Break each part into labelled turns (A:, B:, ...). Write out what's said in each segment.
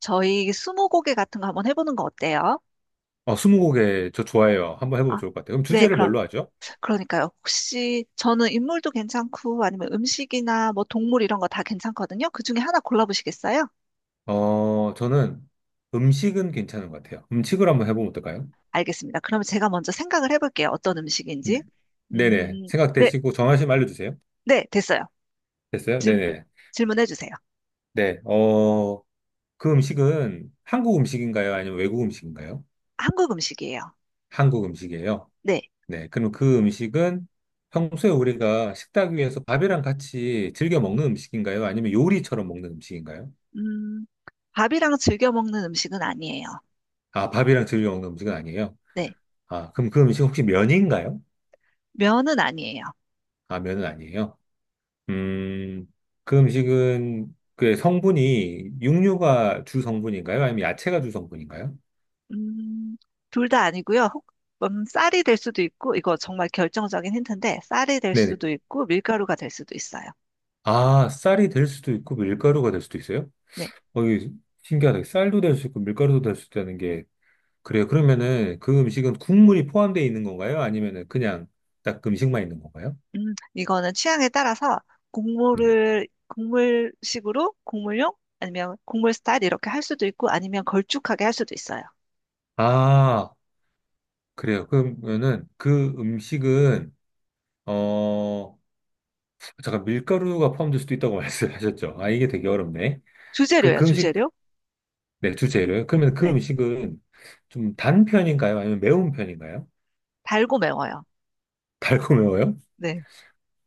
A: 저희 스무고개 같은 거 한번 해보는 거 어때요?
B: 스무고개 저 좋아해요. 한번 해보면
A: 아,
B: 좋을 것 같아요. 그럼
A: 네,
B: 주제를
A: 그럼,
B: 뭘로 하죠?
A: 그러니까요. 혹시 저는 인물도 괜찮고 아니면 음식이나 뭐 동물 이런 거 다 괜찮거든요. 그 중에 하나 골라보시겠어요?
B: 저는 음식은 괜찮은 것 같아요. 음식을 한번 해보면 어떨까요?
A: 알겠습니다. 그러면 제가 먼저 생각을 해볼게요. 어떤
B: 네.
A: 음식인지.
B: 네네.
A: 음, 네,
B: 생각되시고 정하시면 알려주세요.
A: 네, 됐어요.
B: 됐어요?
A: 질,
B: 네네.
A: 질문해주세요.
B: 네. 어, 그 음식은 한국 음식인가요? 아니면 외국 음식인가요?
A: 한국 음식이에요.
B: 한국 음식이에요.
A: 네.
B: 네. 그럼 그 음식은 평소에 우리가 식탁 위에서 밥이랑 같이 즐겨 먹는 음식인가요? 아니면 요리처럼 먹는 음식인가요?
A: 음, 밥이랑 즐겨 먹는 음식은 아니에요.
B: 아, 밥이랑 즐겨 먹는 음식은 아니에요.
A: 네.
B: 아, 그럼 그 음식 혹시 면인가요?
A: 면은 아니에요.
B: 라면은 아니에요. 음, 그 음식은 그 성분이 육류가 주 성분인가요? 아니면 야채가 주 성분인가요?
A: 음, 둘 다 아니고요. 쌀이 될 수도 있고, 이거 정말 결정적인 힌트인데, 쌀이 될
B: 네네.
A: 수도 있고, 밀가루가 될 수도 있어요.
B: 아, 쌀이 될 수도 있고 밀가루가 될 수도 있어요?
A: 네.
B: 어, 이 신기하다. 쌀도 될 수 있고 밀가루도 될 수 있다는 게 그래요. 그러면은 그 음식은 국물이 포함되어 있는 건가요? 아니면은 그냥 딱 그 음식만 있는 건가요?
A: 이거는 취향에 따라서
B: 네.
A: 곡물을, 곡물식으로, 곡물용, 아니면 곡물 스타일 이렇게 할 수도 있고, 아니면 걸쭉하게 할 수도 있어요.
B: 아, 그래요. 그러면은 그 음식은 어, 잠깐 밀가루가 포함될 수도 있다고 말씀하셨죠? 아, 이게 되게 어렵네. 그
A: 주재료예요,
B: 음식,
A: 주재료.
B: 네, 주재료요. 그러면 그
A: 네.
B: 음식은 좀 단 편인가요? 아니면 매운 편인가요?
A: 달고 매워요.
B: 달고 매워요?
A: 네.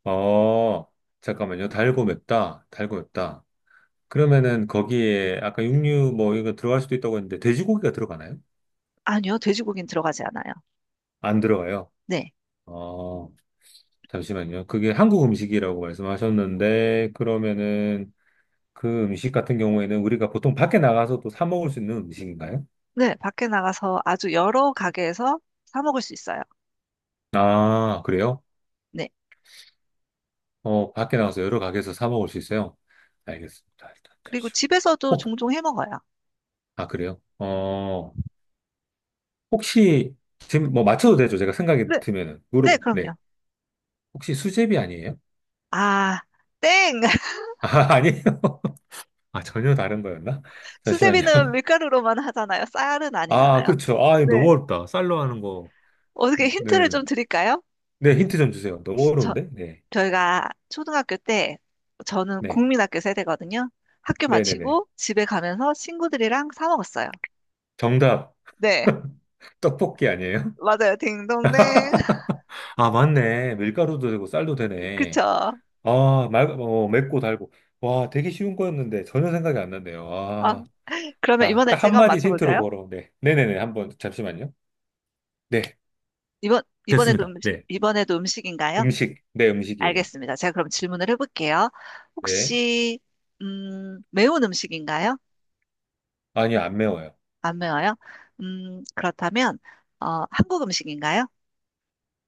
B: 어, 잠깐만요. 달고 맵다. 달고 맵다. 그러면은 거기에 아까 육류 뭐 이거 들어갈 수도 있다고 했는데 돼지고기가 들어가나요?
A: 아니요, 돼지고기는 들어가지 않아요.
B: 안 들어가요.
A: 네.
B: 어, 잠시만요. 그게 한국 음식이라고 말씀하셨는데 그러면은 그 음식 같은 경우에는 우리가 보통 밖에 나가서 또 사 먹을 수 있는 음식인가요?
A: 네, 밖에 나가서 아주 여러 가게에서 사 먹을 수 있어요.
B: 아, 그래요?
A: 네.
B: 어, 밖에 나가서 여러 가게에서 사 먹을 수 있어요? 알겠습니다. 일단
A: 그리고
B: 잠시만.
A: 집에서도
B: 혹,
A: 종종 해 먹어요.
B: 아, 그래요? 어, 혹시, 지금 뭐 맞춰도 되죠? 제가 생각이
A: 네.
B: 들면은.
A: 네,
B: 무릎, 네.
A: 그럼요.
B: 혹시 수제비 아니에요?
A: 아, 땡!
B: 아, 아니에요? 아, 전혀 다른 거였나? 잠시만요.
A: 수세미는 밀가루로만 하잖아요. 쌀은
B: 아,
A: 아니잖아요.
B: 그렇죠. 아,
A: 네.
B: 이거 너무 어렵다. 쌀로 하는
A: 어떻게 힌트를 좀
B: 거는.
A: 드릴까요?
B: 네, 힌트 좀 주세요. 너무
A: 저,
B: 어려운데? 네.
A: 저희가 초등학교 때, 저는
B: 네.
A: 국민학교 세대거든요. 학교
B: 네네네.
A: 마치고 집에 가면서 친구들이랑 사 먹었어요.
B: 정답,
A: 네,
B: 떡볶이 아니에요?
A: 맞아요. 딩동댕.
B: 아, 맞네. 밀가루도 되고 쌀도 되네.
A: 그쵸.
B: 맵고 달고. 와, 되게 쉬운 거였는데 전혀 생각이 안 났네요.
A: 아,
B: 아,
A: 그러면
B: 아,
A: 이번에
B: 딱
A: 제가 한번
B: 한마디 힌트로
A: 맞춰볼까요?
B: 보러. 네. 네네네. 한번, 잠시만요. 네.
A: 이번에도
B: 됐습니다. 네.
A: 이번에도 음식인가요?
B: 음식. 네, 음식이에요.
A: 알겠습니다. 제가 그럼 질문을 해볼게요.
B: 네.
A: 혹시, 매운 음식인가요?
B: 아니요, 안 매워요.
A: 안 매워요? 음, 그렇다면, 어, 한국 음식인가요?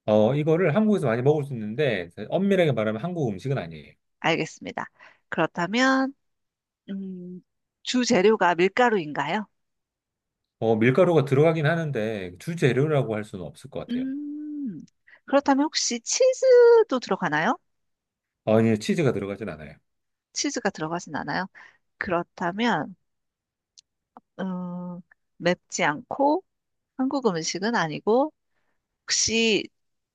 B: 어, 이거를 한국에서 많이 먹을 수 있는데 엄밀하게 말하면 한국 음식은 아니에요.
A: 알겠습니다. 그렇다면, 음, 주 재료가 밀가루인가요?
B: 어, 밀가루가 들어가긴 하는데 주재료라고 할 수는 없을 것 같아요.
A: 음, 그렇다면 혹시 치즈도 들어가나요?
B: 아니요, 치즈가 들어가진 않아요.
A: 치즈가 들어가진 않아요? 그렇다면, 음, 맵지 않고 한국 음식은 아니고, 혹시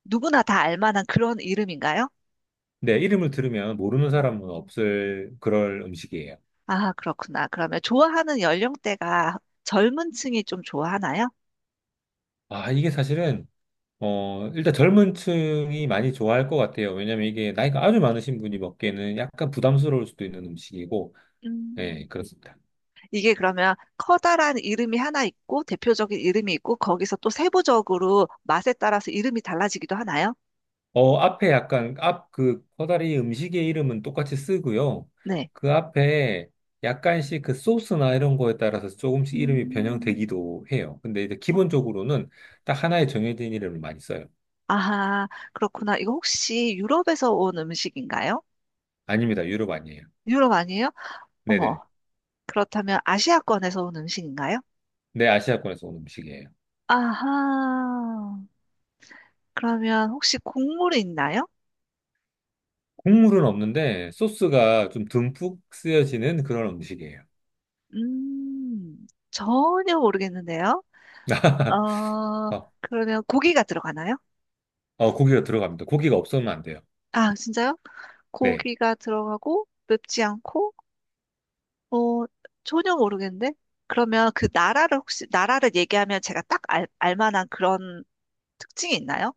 A: 누구나 다 알만한 그런 이름인가요?
B: 네, 이름을 들으면 모르는 사람은 없을 그럴 음식이에요.
A: 아, 그렇구나. 그러면 좋아하는 연령대가 젊은 층이 좀 좋아하나요?
B: 아, 이게 사실은 일단 젊은 층이 많이 좋아할 것 같아요. 왜냐면 이게 나이가 아주 많으신 분이 먹기에는 약간 부담스러울 수도 있는 음식이고, 네,
A: 음.
B: 그렇습니다.
A: 이게 그러면 커다란 이름이 하나 있고 대표적인 이름이 있고 거기서 또 세부적으로 맛에 따라서 이름이 달라지기도 하나요?
B: 어, 앞에 약간, 앞 그 커다리 음식의 이름은 똑같이 쓰고요.
A: 네.
B: 그 앞에 약간씩 그 소스나 이런 거에 따라서 조금씩 이름이
A: 음.
B: 변형되기도 해요. 근데 이제 기본적으로는 딱 하나의 정해진 이름을 많이 써요.
A: 아하, 그렇구나. 이거 혹시 유럽에서 온 음식인가요?
B: 아닙니다. 유럽 아니에요.
A: 유럽 아니에요?
B: 네네.
A: 어머, 그렇다면 아시아권에서 온 음식인가요?
B: 네, 아시아권에서 온 음식이에요.
A: 아하, 그러면 혹시 국물이 있나요?
B: 국물은 없는데 소스가 좀 듬뿍 쓰여지는 그런 음식이에요.
A: 전혀 모르겠는데요. 어,
B: 어,
A: 그러면 고기가 들어가나요?
B: 고기가 들어갑니다. 고기가 없으면 안 돼요.
A: 아, 진짜요?
B: 네.
A: 고기가 들어가고 맵지 않고 어 전혀 모르겠는데 그러면 그 나라를 혹시 나라를 얘기하면 제가 알만한 그런 특징이 있나요?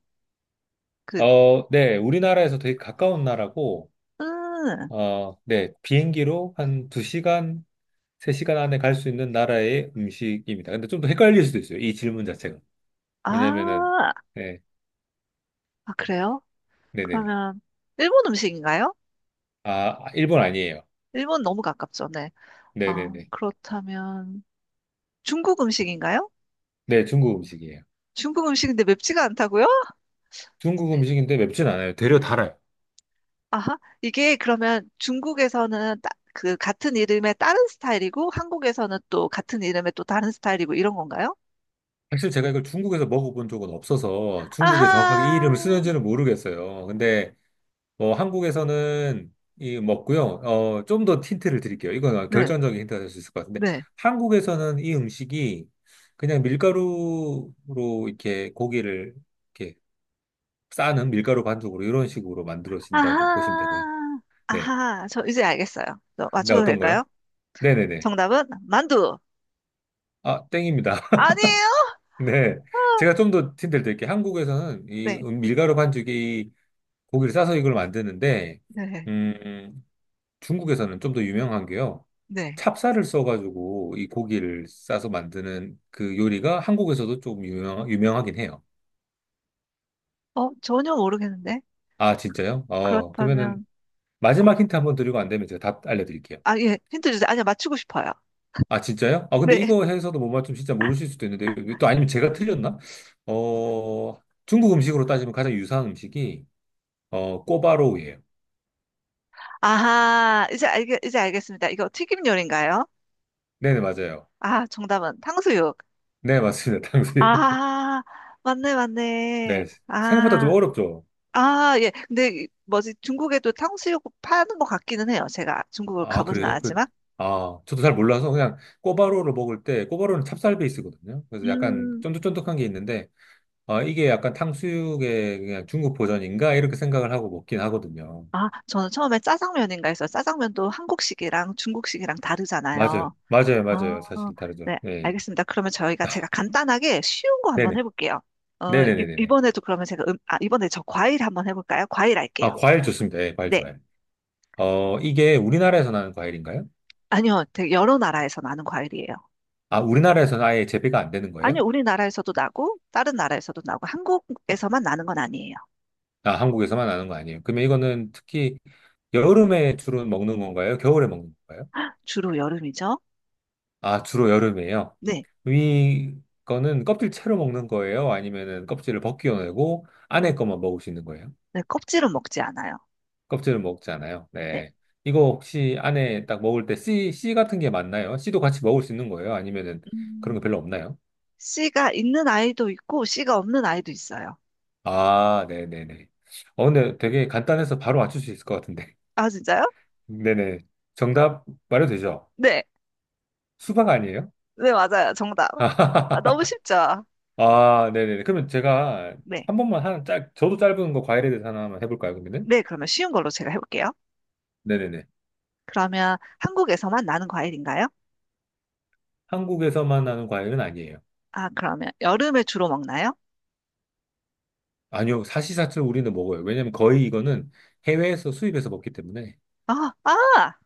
A: 그
B: 어, 네. 우리나라에서 되게 가까운 나라고,
A: 음,
B: 어, 네. 비행기로 한 2시간, 3시간 안에 갈 수 있는 나라의 음식입니다. 근데 좀 더 헷갈릴 수도 있어요. 이 질문 자체가. 왜냐면은,
A: 아,
B: 네.
A: 아 그래요?
B: 네네네.
A: 그러면 일본 음식인가요?
B: 아, 일본 아니에요.
A: 일본 너무 가깝죠, 네. 아
B: 네네네.
A: 그렇다면 중국 음식인가요?
B: 네. 중국 음식이에요.
A: 중국 음식인데 맵지가 않다고요?
B: 중국 음식인데 맵진 않아요. 되려 달아요.
A: 아하, 이게 그러면 중국에서는 그 같은 이름의 다른 스타일이고 한국에서는 또 같은 이름의 또 다른 스타일이고 이런 건가요?
B: 사실 제가 이걸 중국에서 먹어본 적은 없어서 중국에 정확하게 이
A: 아하,
B: 이름을 쓰는지는 모르겠어요. 근데 뭐 한국에서는 이 먹고요. 어, 좀 더 힌트를 드릴게요. 이건
A: 네,
B: 결정적인 힌트가 될 수 있을 것 같은데
A: 네.
B: 한국에서는 이 음식이 그냥 밀가루로 이렇게 고기를 이렇게 싸는 밀가루 반죽으로 이런 식으로 만들어진다고 보시면 되고요.
A: 아하,
B: 네.
A: 아하, 저 이제 알겠어요. 저
B: 근데
A: 맞춰도
B: 어떤
A: 될까요?
B: 거요? 네네네.
A: 정답은 만두.
B: 아, 땡입니다.
A: 아니에요?
B: 네. 제가 좀 더 힌트를 드릴게요. 한국에서는 이
A: 네,
B: 밀가루 반죽이 고기를 싸서 이걸 만드는데
A: 네,
B: 음, 중국에서는 좀 더 유명한 게요.
A: 네.
B: 찹쌀을 써가지고 이 고기를 싸서 만드는 그 요리가 한국에서도 좀 유명하긴 해요.
A: 어, 전혀 모르겠는데.
B: 아,
A: 그,
B: 진짜요? 어,
A: 그렇다면,
B: 그러면은 마지막 힌트 한번 드리고 안 되면 제가 답 알려드릴게요.
A: 아, 예, 힌트 주세요. 아니요, 맞추고 싶어요.
B: 아, 진짜요? 아, 근데
A: 네.
B: 이거 해서도 못 맞추면 진짜 모르실 수도 있는데 또 아니면 제가 틀렸나? 어, 중국 음식으로 따지면 가장 유사한 음식이 어, 꼬바로우예요.
A: 이제 알겠습니다. 이거 튀김 요리인가요?
B: 네네, 맞아요.
A: 아, 정답은 탕수육.
B: 네, 맞습니다. 탕수육.
A: 아, 맞네, 맞네.
B: 네, 생각보다 좀
A: 아,
B: 어렵죠?
A: 아, 예. 근데 이- 뭐지 중국에도 탕수육 파는 것 같기는 해요. 제가 중국을
B: 아,
A: 가보진
B: 그래요? 그,
A: 않았지만.
B: 아, 저도 잘 몰라서 그냥 꼬바로우를 먹을 때, 꼬바로우는 찹쌀 베이스거든요. 그래서 약간
A: 음,
B: 쫀득쫀득한 게 있는데, 아, 이게 약간 탕수육의 그냥 중국 버전인가? 이렇게 생각을 하고 먹긴 하거든요.
A: 아, 저는 처음에 짜장면인가 해서 짜장면도 한국식이랑 중국식이랑
B: 맞아요.
A: 다르잖아요.
B: 맞아요.
A: 아,
B: 맞아요. 사실 다르죠.
A: 네,
B: 네.
A: 알겠습니다. 그러면 저희가 제가 간단하게 쉬운 거 한번
B: 네네.
A: 해볼게요.
B: 네네네네네.
A: 이번에도 그러면 제가 이번에 저 과일 한번 해볼까요? 과일
B: 아,
A: 할게요.
B: 과일 좋습니다. 예, 과일
A: 네,
B: 좋아요. 어, 이게 우리나라에서 나는 과일인가요?
A: 아니요, 되게 여러 나라에서 나는 과일이에요.
B: 아, 우리나라에서는 아예 재배가 안 되는
A: 아니,
B: 거예요?
A: 우리나라에서도 나고, 다른 나라에서도 나고, 한국에서만 나는 건 아니에요.
B: 아, 한국에서만 나는 거 아니에요. 그러면 이거는 특히 여름에 주로 먹는 건가요? 겨울에 먹는 건가요?
A: 주로 여름이죠?
B: 아, 주로 여름이에요.
A: 네.
B: 이거는 껍질 채로 먹는 거예요? 아니면은 껍질을 벗겨내고 안에 것만 먹을 수 있는 거예요?
A: 네, 껍질은 먹지 않아요.
B: 껍질은 먹지 않아요.
A: 네.
B: 네. 이거 혹시 안에 딱 먹을 때 씨 같은 게 맞나요? 씨도 같이 먹을 수 있는 거예요? 아니면은 그런 거
A: 음,
B: 별로 없나요?
A: 씨가 있는 아이도 있고, 씨가 없는 아이도 있어요.
B: 아, 네네네. 어, 근데 되게 간단해서 바로 맞출 수 있을 것 같은데.
A: 아, 진짜요?
B: 네네. 정답 말해도 되죠?
A: 네.
B: 수박 아니에요?
A: 네, 맞아요. 정답. 아, 너무 쉽죠?
B: 아, 네네네. 그러면 제가
A: 네.
B: 한 번만 저도 짧은 거 과일에 대해서 하나 만 해볼까요, 그러면은?
A: 네, 그러면 쉬운 걸로 제가 해볼게요.
B: 네네네.
A: 그러면 한국에서만 나는 과일인가요?
B: 한국에서만 나는 과일은 아니에요.
A: 아, 그러면 여름에 주로 먹나요?
B: 아니요, 사시사철 우리는 먹어요. 왜냐면 거의 이거는 해외에서 수입해서 먹기 때문에.
A: 아, 아!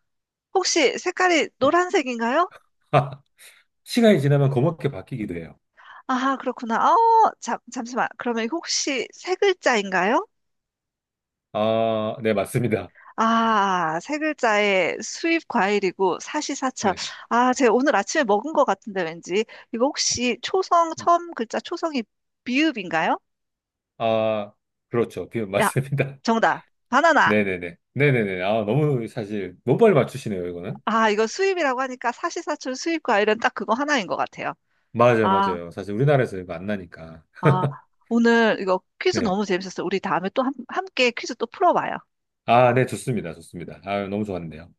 A: 혹시 색깔이 노란색인가요?
B: 시간이 지나면 검게 바뀌기도 해요.
A: 아, 그렇구나. 어, 잠시만. 그러면 혹시 세 글자인가요?
B: 아, 네, 맞습니다.
A: 아, 세 글자에 수입 과일이고 사시사철.
B: 네.
A: 아, 제가 오늘 아침에 먹은 것 같은데 왠지. 이거 혹시
B: 음.
A: 처음 글자 초성이 비읍인가요?
B: 아, 그렇죠. 비-
A: 야,
B: 맞습니다.
A: 정답. 바나나.
B: 네네네. 네네네. 아, 너무 사실, 너무 빨리 맞추시네요, 이거는.
A: 아, 이거 수입이라고 하니까 사시사철 수입 과일은 딱 그거 하나인 것 같아요.
B: 맞아요,
A: 아,
B: 맞아요. 사실 우리나라에서 이거 안 나니까.
A: 아, 오늘 이거 퀴즈
B: 네.
A: 너무 재밌었어요. 우리 다음에 또 함께 퀴즈 또 풀어봐요.
B: 아, 네, 좋습니다. 좋습니다. 아, 너무 좋았는데요.